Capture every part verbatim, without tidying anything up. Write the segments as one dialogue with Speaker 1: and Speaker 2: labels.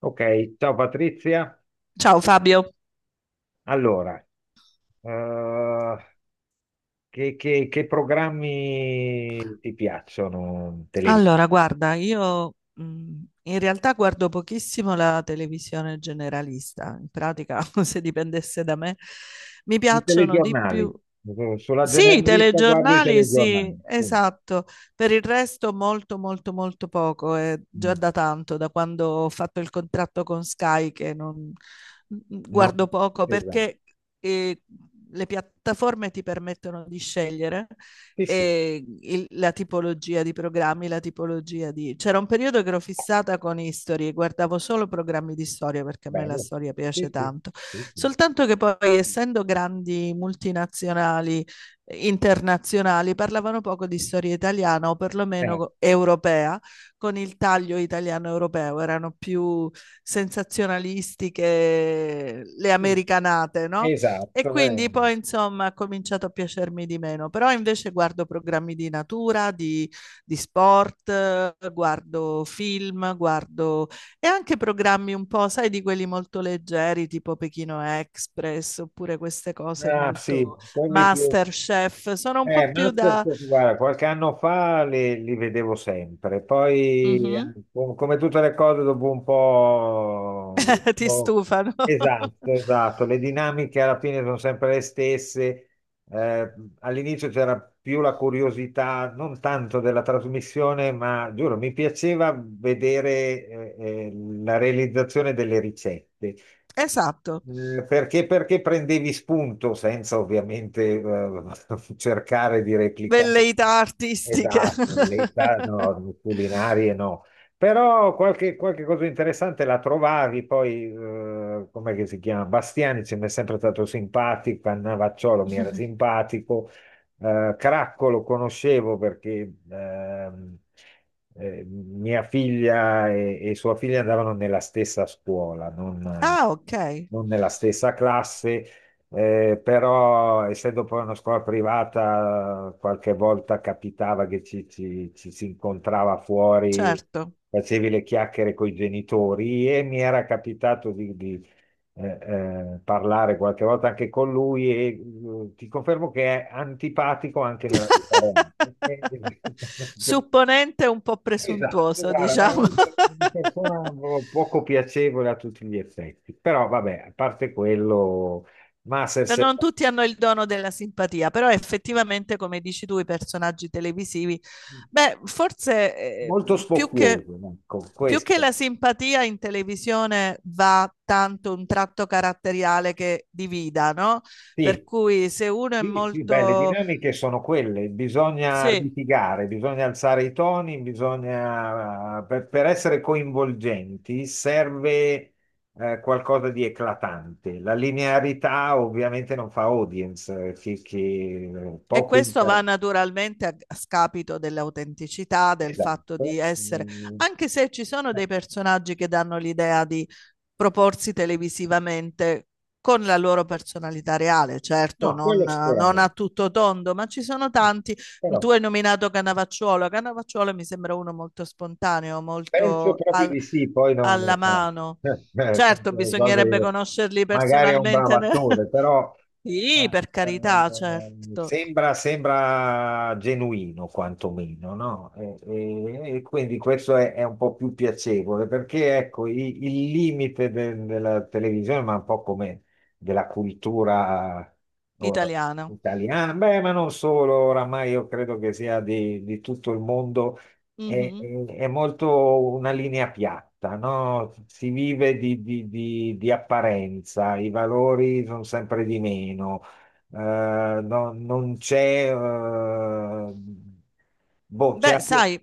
Speaker 1: Ok, ciao Patrizia.
Speaker 2: Ciao Fabio,
Speaker 1: Allora, eh, che, che- che programmi ti piacciono? Tele-
Speaker 2: allora guarda, io mh, in realtà guardo pochissimo la televisione generalista, in pratica se dipendesse da me, mi
Speaker 1: I
Speaker 2: piacciono di
Speaker 1: telegiornali.
Speaker 2: più.
Speaker 1: Sulla
Speaker 2: Sì, i
Speaker 1: generalista guardo i
Speaker 2: telegiornali, sì,
Speaker 1: telegiornali. Punto.
Speaker 2: esatto. Per il resto molto, molto, molto poco. È già
Speaker 1: Mm,
Speaker 2: da tanto, da quando ho fatto il contratto con Sky, che non mm, mm,
Speaker 1: no,
Speaker 2: guardo poco
Speaker 1: esatto.
Speaker 2: perché eh, le piattaforme ti permettono di scegliere,
Speaker 1: Sì, sì,
Speaker 2: eh, il- la tipologia di programmi, la tipologia di. C'era un periodo che ero fissata con History, guardavo solo programmi di storia perché a me la
Speaker 1: bello.
Speaker 2: storia piace
Speaker 1: Sì, sì,
Speaker 2: tanto.
Speaker 1: sì, sì.
Speaker 2: Soltanto che poi, essendo grandi multinazionali, internazionali, parlavano poco di storia italiana o
Speaker 1: Eh,
Speaker 2: perlomeno europea, con il taglio italiano-europeo, erano più sensazionalistiche le
Speaker 1: sì,
Speaker 2: americanate, no? E
Speaker 1: esatto.
Speaker 2: quindi
Speaker 1: eh.
Speaker 2: poi insomma ha cominciato a piacermi di meno, però invece guardo programmi di natura, di, di sport, eh, guardo film, guardo e anche programmi un po', sai, di quelli molto leggeri, tipo Pechino Express, oppure queste cose
Speaker 1: Ah, sì,
Speaker 2: molto
Speaker 1: quelli più.
Speaker 2: Masterchef, sono un po'
Speaker 1: Eh,
Speaker 2: più da.
Speaker 1: Masters, guarda, qualche anno fa, li, li vedevo sempre, poi eh,
Speaker 2: Mhm.
Speaker 1: co- come tutte le cose dopo un po'...
Speaker 2: Ti
Speaker 1: visto-
Speaker 2: stufano.
Speaker 1: Esatto, esatto, le dinamiche alla fine sono sempre le stesse. Eh, All'inizio c'era più la curiosità, non tanto della trasmissione, ma giuro, mi piaceva vedere eh, eh, la realizzazione delle ricette.
Speaker 2: Esatto,
Speaker 1: Eh, Perché, perché prendevi spunto senza ovviamente eh, cercare di replicare
Speaker 2: velleità artistiche.
Speaker 1: esatto, l'età no, culinarie no, però qualche, qualche cosa interessante la trovavi, poi eh, com'è che si chiama? Bastiani ci mi è sempre stato simpatico, Cannavacciolo mi era simpatico, eh, Cracco lo conoscevo perché ehm, eh, mia figlia e, e sua figlia andavano nella stessa scuola, non,
Speaker 2: Ah, ok,
Speaker 1: non nella stessa classe, eh, però essendo poi una scuola privata, qualche volta capitava che ci, ci- ci si incontrava fuori,
Speaker 2: certo.
Speaker 1: facevi le chiacchiere con i genitori e mi era capitato di, di eh, eh, parlare qualche volta anche con lui e eh, ti confermo che è antipatico anche nella vita reale.
Speaker 2: Supponente, un po'
Speaker 1: Esatto,
Speaker 2: presuntuoso,
Speaker 1: guarda,
Speaker 2: diciamo.
Speaker 1: veramente una persona poco piacevole a tutti gli effetti. Però vabbè, a parte quello,
Speaker 2: No,
Speaker 1: Masters è
Speaker 2: non tutti hanno il dono della simpatia, però effettivamente, come dici tu, i personaggi televisivi, beh, forse, eh,
Speaker 1: molto
Speaker 2: più che,
Speaker 1: spocchioso, ecco,
Speaker 2: più che
Speaker 1: questo.
Speaker 2: la simpatia in televisione va tanto un tratto caratteriale che divida, no? Per
Speaker 1: Sì.
Speaker 2: cui se uno è
Speaker 1: Sì, sì, beh, le
Speaker 2: molto.
Speaker 1: dinamiche sono quelle, bisogna
Speaker 2: Sì.
Speaker 1: litigare, bisogna alzare i toni, bisogna, eh, per, per essere coinvolgenti serve eh, qualcosa di eclatante. La linearità ovviamente non fa audience, eh, che, che
Speaker 2: E
Speaker 1: poco
Speaker 2: questo va
Speaker 1: interessa.
Speaker 2: naturalmente a a scapito dell'autenticità, del fatto
Speaker 1: Esatto.
Speaker 2: di essere,
Speaker 1: Mm,
Speaker 2: anche se ci sono
Speaker 1: eh,
Speaker 2: dei personaggi che danno l'idea di proporsi televisivamente con la loro personalità reale, certo,
Speaker 1: No,
Speaker 2: non,
Speaker 1: quello
Speaker 2: non a
Speaker 1: sicuramente.
Speaker 2: tutto tondo, ma ci sono tanti.
Speaker 1: Però
Speaker 2: Tu hai nominato Canavacciuolo, Canavacciuolo mi sembra uno molto spontaneo,
Speaker 1: Penso
Speaker 2: molto
Speaker 1: proprio
Speaker 2: al-
Speaker 1: di sì, poi no,
Speaker 2: alla
Speaker 1: no, sai,
Speaker 2: mano.
Speaker 1: eh, sono
Speaker 2: Certo,
Speaker 1: quelle cose
Speaker 2: bisognerebbe
Speaker 1: che
Speaker 2: conoscerli
Speaker 1: magari è un bravo
Speaker 2: personalmente. ne-
Speaker 1: attore, però
Speaker 2: Sì, per carità,
Speaker 1: eh, eh,
Speaker 2: certo,
Speaker 1: sembra, sembra genuino quantomeno, no? E, e- e quindi questo è, è un po' più piacevole, perché ecco, i- il limite de- della televisione, ma un po' come della cultura eh,
Speaker 2: italiano.
Speaker 1: italiana, beh, ma non solo, oramai io credo che sia di di tutto il mondo. è,
Speaker 2: Mh-mh.
Speaker 1: è- è molto una linea piatta, no? Si vive di, di- di- di apparenza, i valori sono sempre di meno, eh, no- non c'è, eh, boh, c'è
Speaker 2: Beh,
Speaker 1: appia-
Speaker 2: sai,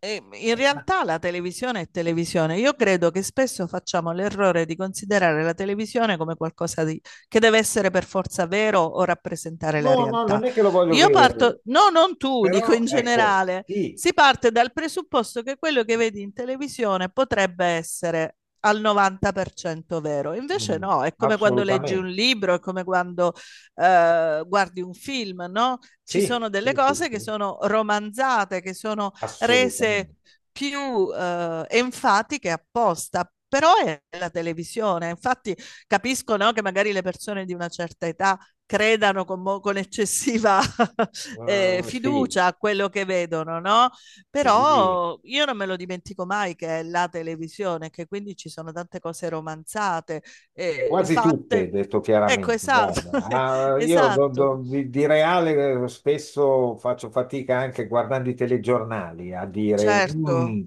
Speaker 2: Eh, In
Speaker 1: eh, ma-
Speaker 2: realtà la televisione è televisione. Io credo che spesso facciamo l'errore di considerare la televisione come qualcosa di- che deve essere per forza vero o rappresentare la
Speaker 1: no, no,
Speaker 2: realtà.
Speaker 1: non è che lo voglio
Speaker 2: Io
Speaker 1: vedere,
Speaker 2: parto, no, non tu, dico
Speaker 1: però
Speaker 2: in
Speaker 1: ecco,
Speaker 2: generale,
Speaker 1: sì,
Speaker 2: si parte dal presupposto che quello che vedi in televisione potrebbe essere al novanta per cento vero. Invece
Speaker 1: mm,
Speaker 2: no, è come quando leggi un
Speaker 1: assolutamente,
Speaker 2: libro, è come quando eh, guardi un film, no? Ci
Speaker 1: sì,
Speaker 2: sono
Speaker 1: sì,
Speaker 2: delle
Speaker 1: sì,
Speaker 2: cose che
Speaker 1: sì,
Speaker 2: sono romanzate, che sono
Speaker 1: assolutamente.
Speaker 2: rese più eh, enfatiche apposta. Però è la televisione, infatti capisco, no, che magari le persone di una certa età credano con, mo- con eccessiva eh,
Speaker 1: Eh, sì,
Speaker 2: fiducia a quello che vedono, no?
Speaker 1: sì.
Speaker 2: Però io non me lo dimentico mai che è la televisione, che quindi ci sono tante cose romanzate, eh,
Speaker 1: Quasi tutte,
Speaker 2: fatte.
Speaker 1: detto
Speaker 2: Ecco,
Speaker 1: chiaramente,
Speaker 2: esatto,
Speaker 1: guarda. Ah, io do-
Speaker 2: esatto.
Speaker 1: do- di, di reale eh, spesso faccio fatica anche guardando i telegiornali a dire,
Speaker 2: Certo,
Speaker 1: "Mm,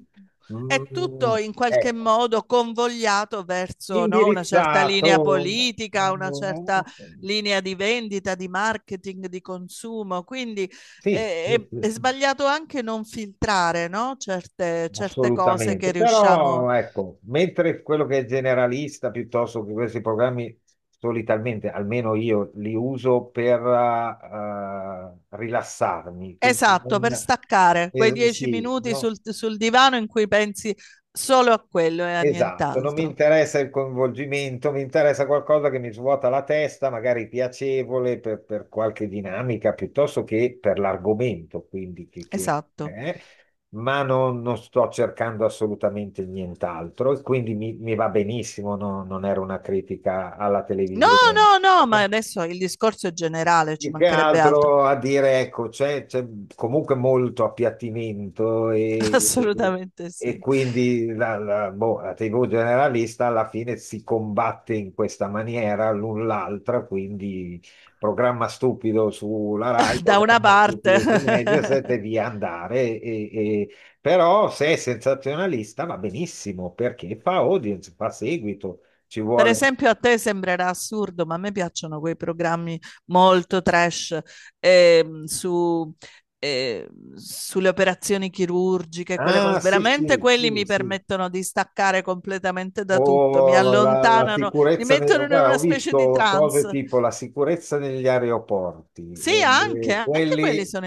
Speaker 2: è
Speaker 1: mm,
Speaker 2: tutto in qualche
Speaker 1: ecco,
Speaker 2: modo convogliato verso, no, una certa
Speaker 1: indirizzato,
Speaker 2: linea politica, una certa
Speaker 1: eh,
Speaker 2: linea di vendita, di marketing, di consumo. Quindi
Speaker 1: sì,
Speaker 2: è,
Speaker 1: sì,
Speaker 2: è-
Speaker 1: sì,
Speaker 2: è
Speaker 1: sì."
Speaker 2: sbagliato anche non filtrare, no, certe, certe cose
Speaker 1: Assolutamente,
Speaker 2: che riusciamo.
Speaker 1: però ecco, mentre quello che è generalista piuttosto che questi programmi solitamente, almeno io li uso per eh, rilassarmi, quindi
Speaker 2: Esatto,
Speaker 1: non,
Speaker 2: per staccare quei
Speaker 1: eh,
Speaker 2: dieci
Speaker 1: sì,
Speaker 2: minuti
Speaker 1: no,
Speaker 2: sul, sul divano in cui pensi solo a quello e a
Speaker 1: esatto, non mi
Speaker 2: nient'altro.
Speaker 1: interessa il coinvolgimento, mi interessa qualcosa che mi svuota la testa, magari piacevole per, per qualche dinamica piuttosto che per l'argomento, quindi che, che-
Speaker 2: Esatto.
Speaker 1: eh, ma non, non sto cercando assolutamente nient'altro e quindi mi, mi va benissimo, no- non era una critica alla
Speaker 2: No,
Speaker 1: televisione.
Speaker 2: no, no, ma
Speaker 1: Eh,
Speaker 2: adesso il discorso è generale, ci
Speaker 1: Più che
Speaker 2: mancherebbe altro.
Speaker 1: altro a dire, ecco, c'è c'è comunque molto appiattimento e, e-
Speaker 2: Assolutamente
Speaker 1: e
Speaker 2: sì.
Speaker 1: quindi la, la- boh, la T V generalista alla fine si combatte in questa maniera l'un l'altra, quindi programma stupido sulla Rai,
Speaker 2: Da una
Speaker 1: programma
Speaker 2: parte,
Speaker 1: stupido su Mediaset e via andare. E, e- Però se è sensazionalista va benissimo perché fa audience, fa seguito, ci
Speaker 2: per
Speaker 1: vuole...
Speaker 2: esempio, a te sembrerà assurdo, ma a me piacciono quei programmi molto trash, ehm, su, eh, sulle operazioni chirurgiche, quelle cose.
Speaker 1: Ah, sì,
Speaker 2: Veramente
Speaker 1: sì,
Speaker 2: quelli
Speaker 1: sì,
Speaker 2: mi
Speaker 1: sì.
Speaker 2: permettono di staccare completamente da tutto, mi
Speaker 1: O la, la
Speaker 2: allontanano, mi
Speaker 1: sicurezza, ne-
Speaker 2: mettono in
Speaker 1: guarda, ho
Speaker 2: una specie di
Speaker 1: visto cose
Speaker 2: trance.
Speaker 1: tipo la sicurezza negli aeroporti,
Speaker 2: Sì,
Speaker 1: eh,
Speaker 2: anche,
Speaker 1: eh,
Speaker 2: anche quelli
Speaker 1: quelli...
Speaker 2: sono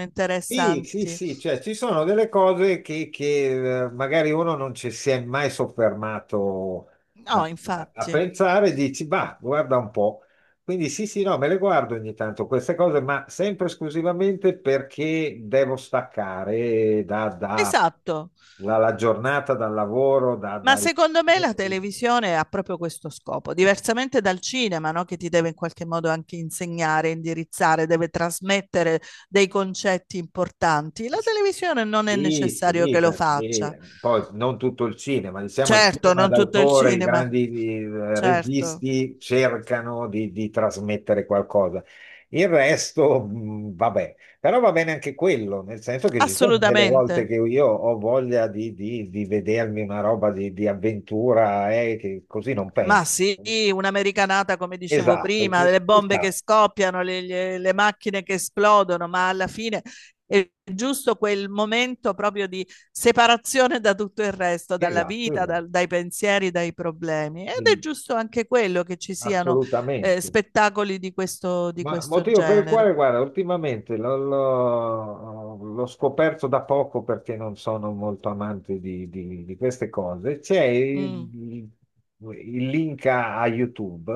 Speaker 1: Sì, sì,
Speaker 2: interessanti.
Speaker 1: sì, cioè ci sono delle cose che, che, eh, magari uno non ci si è mai soffermato a,
Speaker 2: No,
Speaker 1: a- a
Speaker 2: infatti.
Speaker 1: pensare, e dici, bah, guarda un po'. Quindi sì, sì, no, me le guardo ogni tanto queste cose, ma sempre esclusivamente perché devo staccare da, da-
Speaker 2: Esatto.
Speaker 1: dalla giornata, dal lavoro, da-
Speaker 2: Ma
Speaker 1: dai
Speaker 2: secondo me la televisione ha proprio questo scopo, diversamente dal cinema, no? Che ti deve in qualche modo anche insegnare, indirizzare, deve trasmettere dei concetti importanti. La
Speaker 1: Sì,
Speaker 2: televisione non è
Speaker 1: sì,
Speaker 2: necessario che lo faccia.
Speaker 1: perché poi non tutto il cinema, diciamo il
Speaker 2: Certo,
Speaker 1: cinema
Speaker 2: non tutto il
Speaker 1: d'autore, i
Speaker 2: cinema,
Speaker 1: grandi eh,
Speaker 2: certo,
Speaker 1: registi cercano di, di trasmettere qualcosa. Il resto, mh, vabbè, però va bene anche quello, nel senso che ci sono delle volte
Speaker 2: assolutamente.
Speaker 1: che io ho voglia di, di- di vedermi una roba di, di avventura, eh, che così non penso.
Speaker 2: Ma sì, un'americanata, come dicevo
Speaker 1: Esatto,
Speaker 2: prima,
Speaker 1: qui-
Speaker 2: le
Speaker 1: ci
Speaker 2: bombe che
Speaker 1: sta,
Speaker 2: scoppiano, le, le- le macchine che esplodono, ma alla fine è giusto quel momento proprio di separazione da tutto il resto, dalla
Speaker 1: esatto,
Speaker 2: vita,
Speaker 1: esatto.
Speaker 2: dal- dai pensieri, dai problemi. Ed è
Speaker 1: Mm,
Speaker 2: giusto anche quello che ci siano eh,
Speaker 1: assolutamente.
Speaker 2: spettacoli di questo, di
Speaker 1: Ma
Speaker 2: questo
Speaker 1: motivo per il
Speaker 2: genere.
Speaker 1: quale, guarda, ultimamente l'ho l'ho- l'ho scoperto da poco perché non sono molto amante di, di- di queste cose. C'è
Speaker 2: Mm,
Speaker 1: il, il link a, a YouTube,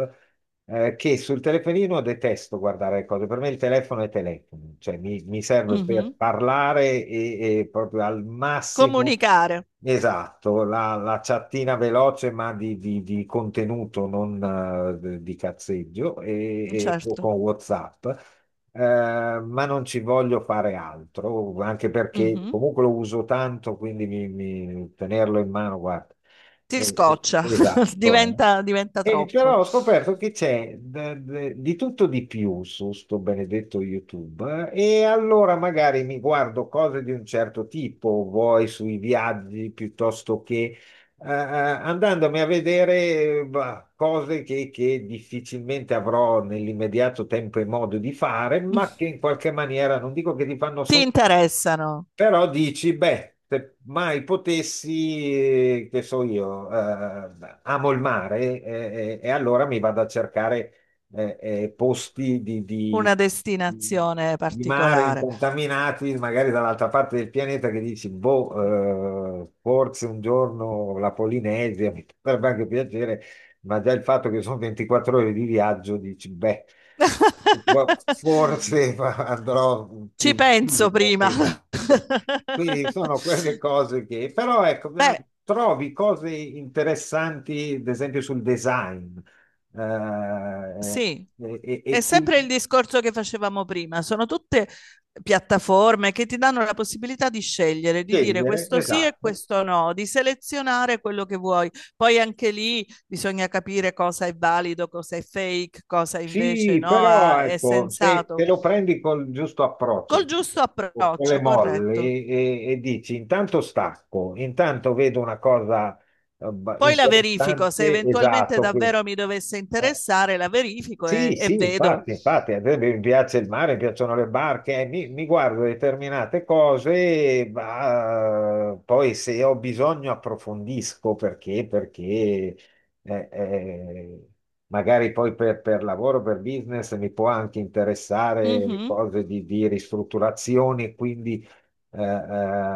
Speaker 1: eh, che sul telefonino detesto guardare le cose, per me il telefono è telefono, cioè mi, mi serve per
Speaker 2: mhm.
Speaker 1: parlare e, e proprio al massimo,
Speaker 2: Comunicare,
Speaker 1: esatto, la, la chattina veloce ma di, di- di contenuto, non eh, di cazzeggio, e, e o
Speaker 2: certo.
Speaker 1: con WhatsApp. Eh, ma non ci voglio fare altro, anche perché
Speaker 2: Mhm.
Speaker 1: comunque lo uso tanto, quindi mi- mi- tenerlo in mano, guarda.
Speaker 2: Ti
Speaker 1: Eh,
Speaker 2: scoccia,
Speaker 1: Esatto, eh.
Speaker 2: diventa, diventa
Speaker 1: E
Speaker 2: troppo.
Speaker 1: però ho scoperto che c'è d- d- di tutto di più su sto benedetto YouTube, eh, e allora magari mi guardo cose di un certo tipo, vuoi sui viaggi piuttosto che eh, eh, andandomi a vedere eh, bah, cose che, che difficilmente avrò nell'immediato tempo e modo di fare, ma che in qualche maniera non dico che ti fanno
Speaker 2: Ti
Speaker 1: sognare,
Speaker 2: interessano
Speaker 1: però dici, beh, se mai potessi, eh, che so io, eh, amo il mare, eh, eh, e allora mi vado a cercare eh, eh, posti di,
Speaker 2: una
Speaker 1: di-
Speaker 2: destinazione
Speaker 1: di mare
Speaker 2: particolare.
Speaker 1: incontaminati, magari dall'altra parte del pianeta, che dici, boh, eh, forse un giorno la Polinesia mi potrebbe anche piacere, ma già il fatto che sono ventiquattro ore di viaggio, dici, beh. Ma Forse fa- andrò
Speaker 2: Ci
Speaker 1: più
Speaker 2: penso
Speaker 1: vivo,
Speaker 2: prima.
Speaker 1: esatto. Quindi sono quelle cose che, però ecco, eh,
Speaker 2: Beh,
Speaker 1: trovi cose interessanti, ad esempio sul design, eh, eh,
Speaker 2: sì,
Speaker 1: e, e-
Speaker 2: è
Speaker 1: e qui
Speaker 2: sempre il discorso che facevamo prima, sono tutte piattaforme che ti danno la possibilità di scegliere, di dire
Speaker 1: scegliere,
Speaker 2: questo sì e
Speaker 1: esatto.
Speaker 2: questo no, di selezionare quello che vuoi. Poi anche lì bisogna capire cosa è valido, cosa è fake, cosa invece
Speaker 1: Sì,
Speaker 2: no,
Speaker 1: però
Speaker 2: ha- è
Speaker 1: ecco, se
Speaker 2: sensato.
Speaker 1: te lo prendi col giusto approccio,
Speaker 2: Col giusto
Speaker 1: o con le
Speaker 2: approccio,
Speaker 1: molle
Speaker 2: corretto.
Speaker 1: e, e dici intanto stacco, intanto vedo una cosa eh, ba-
Speaker 2: Poi la verifico, se
Speaker 1: interessante,
Speaker 2: eventualmente
Speaker 1: esatto, che,
Speaker 2: davvero mi dovesse
Speaker 1: eh,
Speaker 2: interessare, la verifico
Speaker 1: sì,
Speaker 2: e, e
Speaker 1: sì,
Speaker 2: vedo.
Speaker 1: infatti, infatti, a me mi piace il mare, mi piacciono le barche, eh, mi, mi guardo determinate cose, ma eh, poi se ho bisogno approfondisco perché, perché eh, eh, magari poi per, per lavoro, per business mi può anche interessare
Speaker 2: Mhm.
Speaker 1: cose di, di ristrutturazione, quindi eh, eh,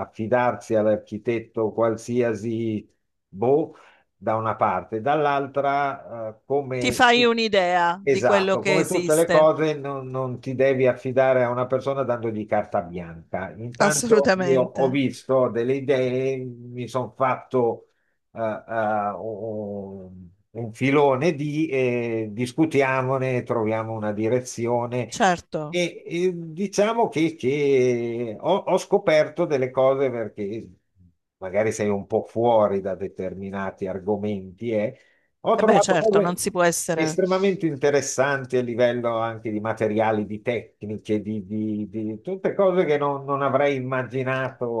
Speaker 1: affidarsi all'architetto qualsiasi. Boh, da una parte, dall'altra, eh,
Speaker 2: Ti
Speaker 1: come
Speaker 2: fai un'idea di quello
Speaker 1: esatto,
Speaker 2: che
Speaker 1: come tutte le
Speaker 2: esiste.
Speaker 1: cose, non, non ti devi affidare a una persona dandogli carta bianca. Intanto io ho
Speaker 2: Assolutamente.
Speaker 1: visto delle idee, mi sono fatto eh, un un filone di, eh, discutiamone, troviamo una direzione.
Speaker 2: Certo.
Speaker 1: E, e diciamo che, che ho, ho scoperto delle cose perché magari sei un po' fuori da determinati argomenti. eh. Ho
Speaker 2: E beh,
Speaker 1: trovato
Speaker 2: certo, non
Speaker 1: cose
Speaker 2: si può essere.
Speaker 1: estremamente interessanti a livello anche di materiali, di tecniche, di, di- di tutte cose che non, non avrei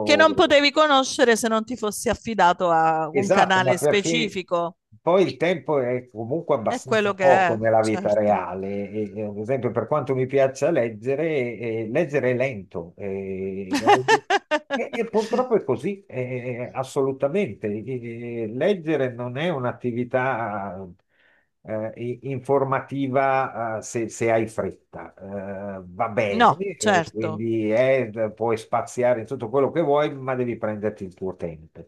Speaker 2: Che non potevi conoscere se non ti fossi affidato a un
Speaker 1: Esatto, ma
Speaker 2: canale
Speaker 1: perché
Speaker 2: specifico.
Speaker 1: poi il tempo è comunque
Speaker 2: È
Speaker 1: abbastanza
Speaker 2: quello che
Speaker 1: poco
Speaker 2: è,
Speaker 1: nella vita
Speaker 2: certo.
Speaker 1: reale. E, e, ad esempio, per quanto mi piaccia leggere, eh, leggere è lento. eh, E, e purtroppo è così, eh, eh, eh, assolutamente. E- e leggere non è un'attività eh, i- informativa eh, se, se hai fretta. Eh, va bene,
Speaker 2: No,
Speaker 1: eh,
Speaker 2: certo.
Speaker 1: quindi è- puoi spaziare in tutto quello che vuoi, ma devi prenderti il tuo tempo.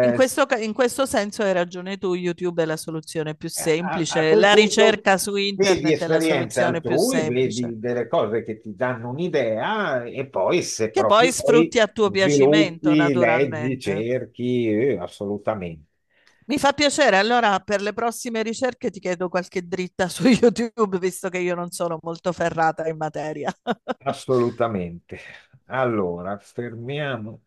Speaker 2: In questo, ca- in questo senso hai ragione tu, YouTube è la soluzione più
Speaker 1: Eh, A, a
Speaker 2: semplice,
Speaker 1: quel
Speaker 2: la
Speaker 1: punto
Speaker 2: ricerca su
Speaker 1: vedi
Speaker 2: internet è la
Speaker 1: esperienze
Speaker 2: soluzione più
Speaker 1: altrui,
Speaker 2: semplice,
Speaker 1: vedi delle cose che ti danno un'idea e poi se
Speaker 2: che
Speaker 1: proprio
Speaker 2: poi
Speaker 1: poi
Speaker 2: sfrutti a tuo piacimento,
Speaker 1: sviluppi, leggi,
Speaker 2: naturalmente.
Speaker 1: cerchi, eh, assolutamente,
Speaker 2: Mi fa piacere, allora per le prossime ricerche ti chiedo qualche dritta su YouTube, visto che io non sono molto ferrata in materia.
Speaker 1: assolutamente. Allora, fermiamo.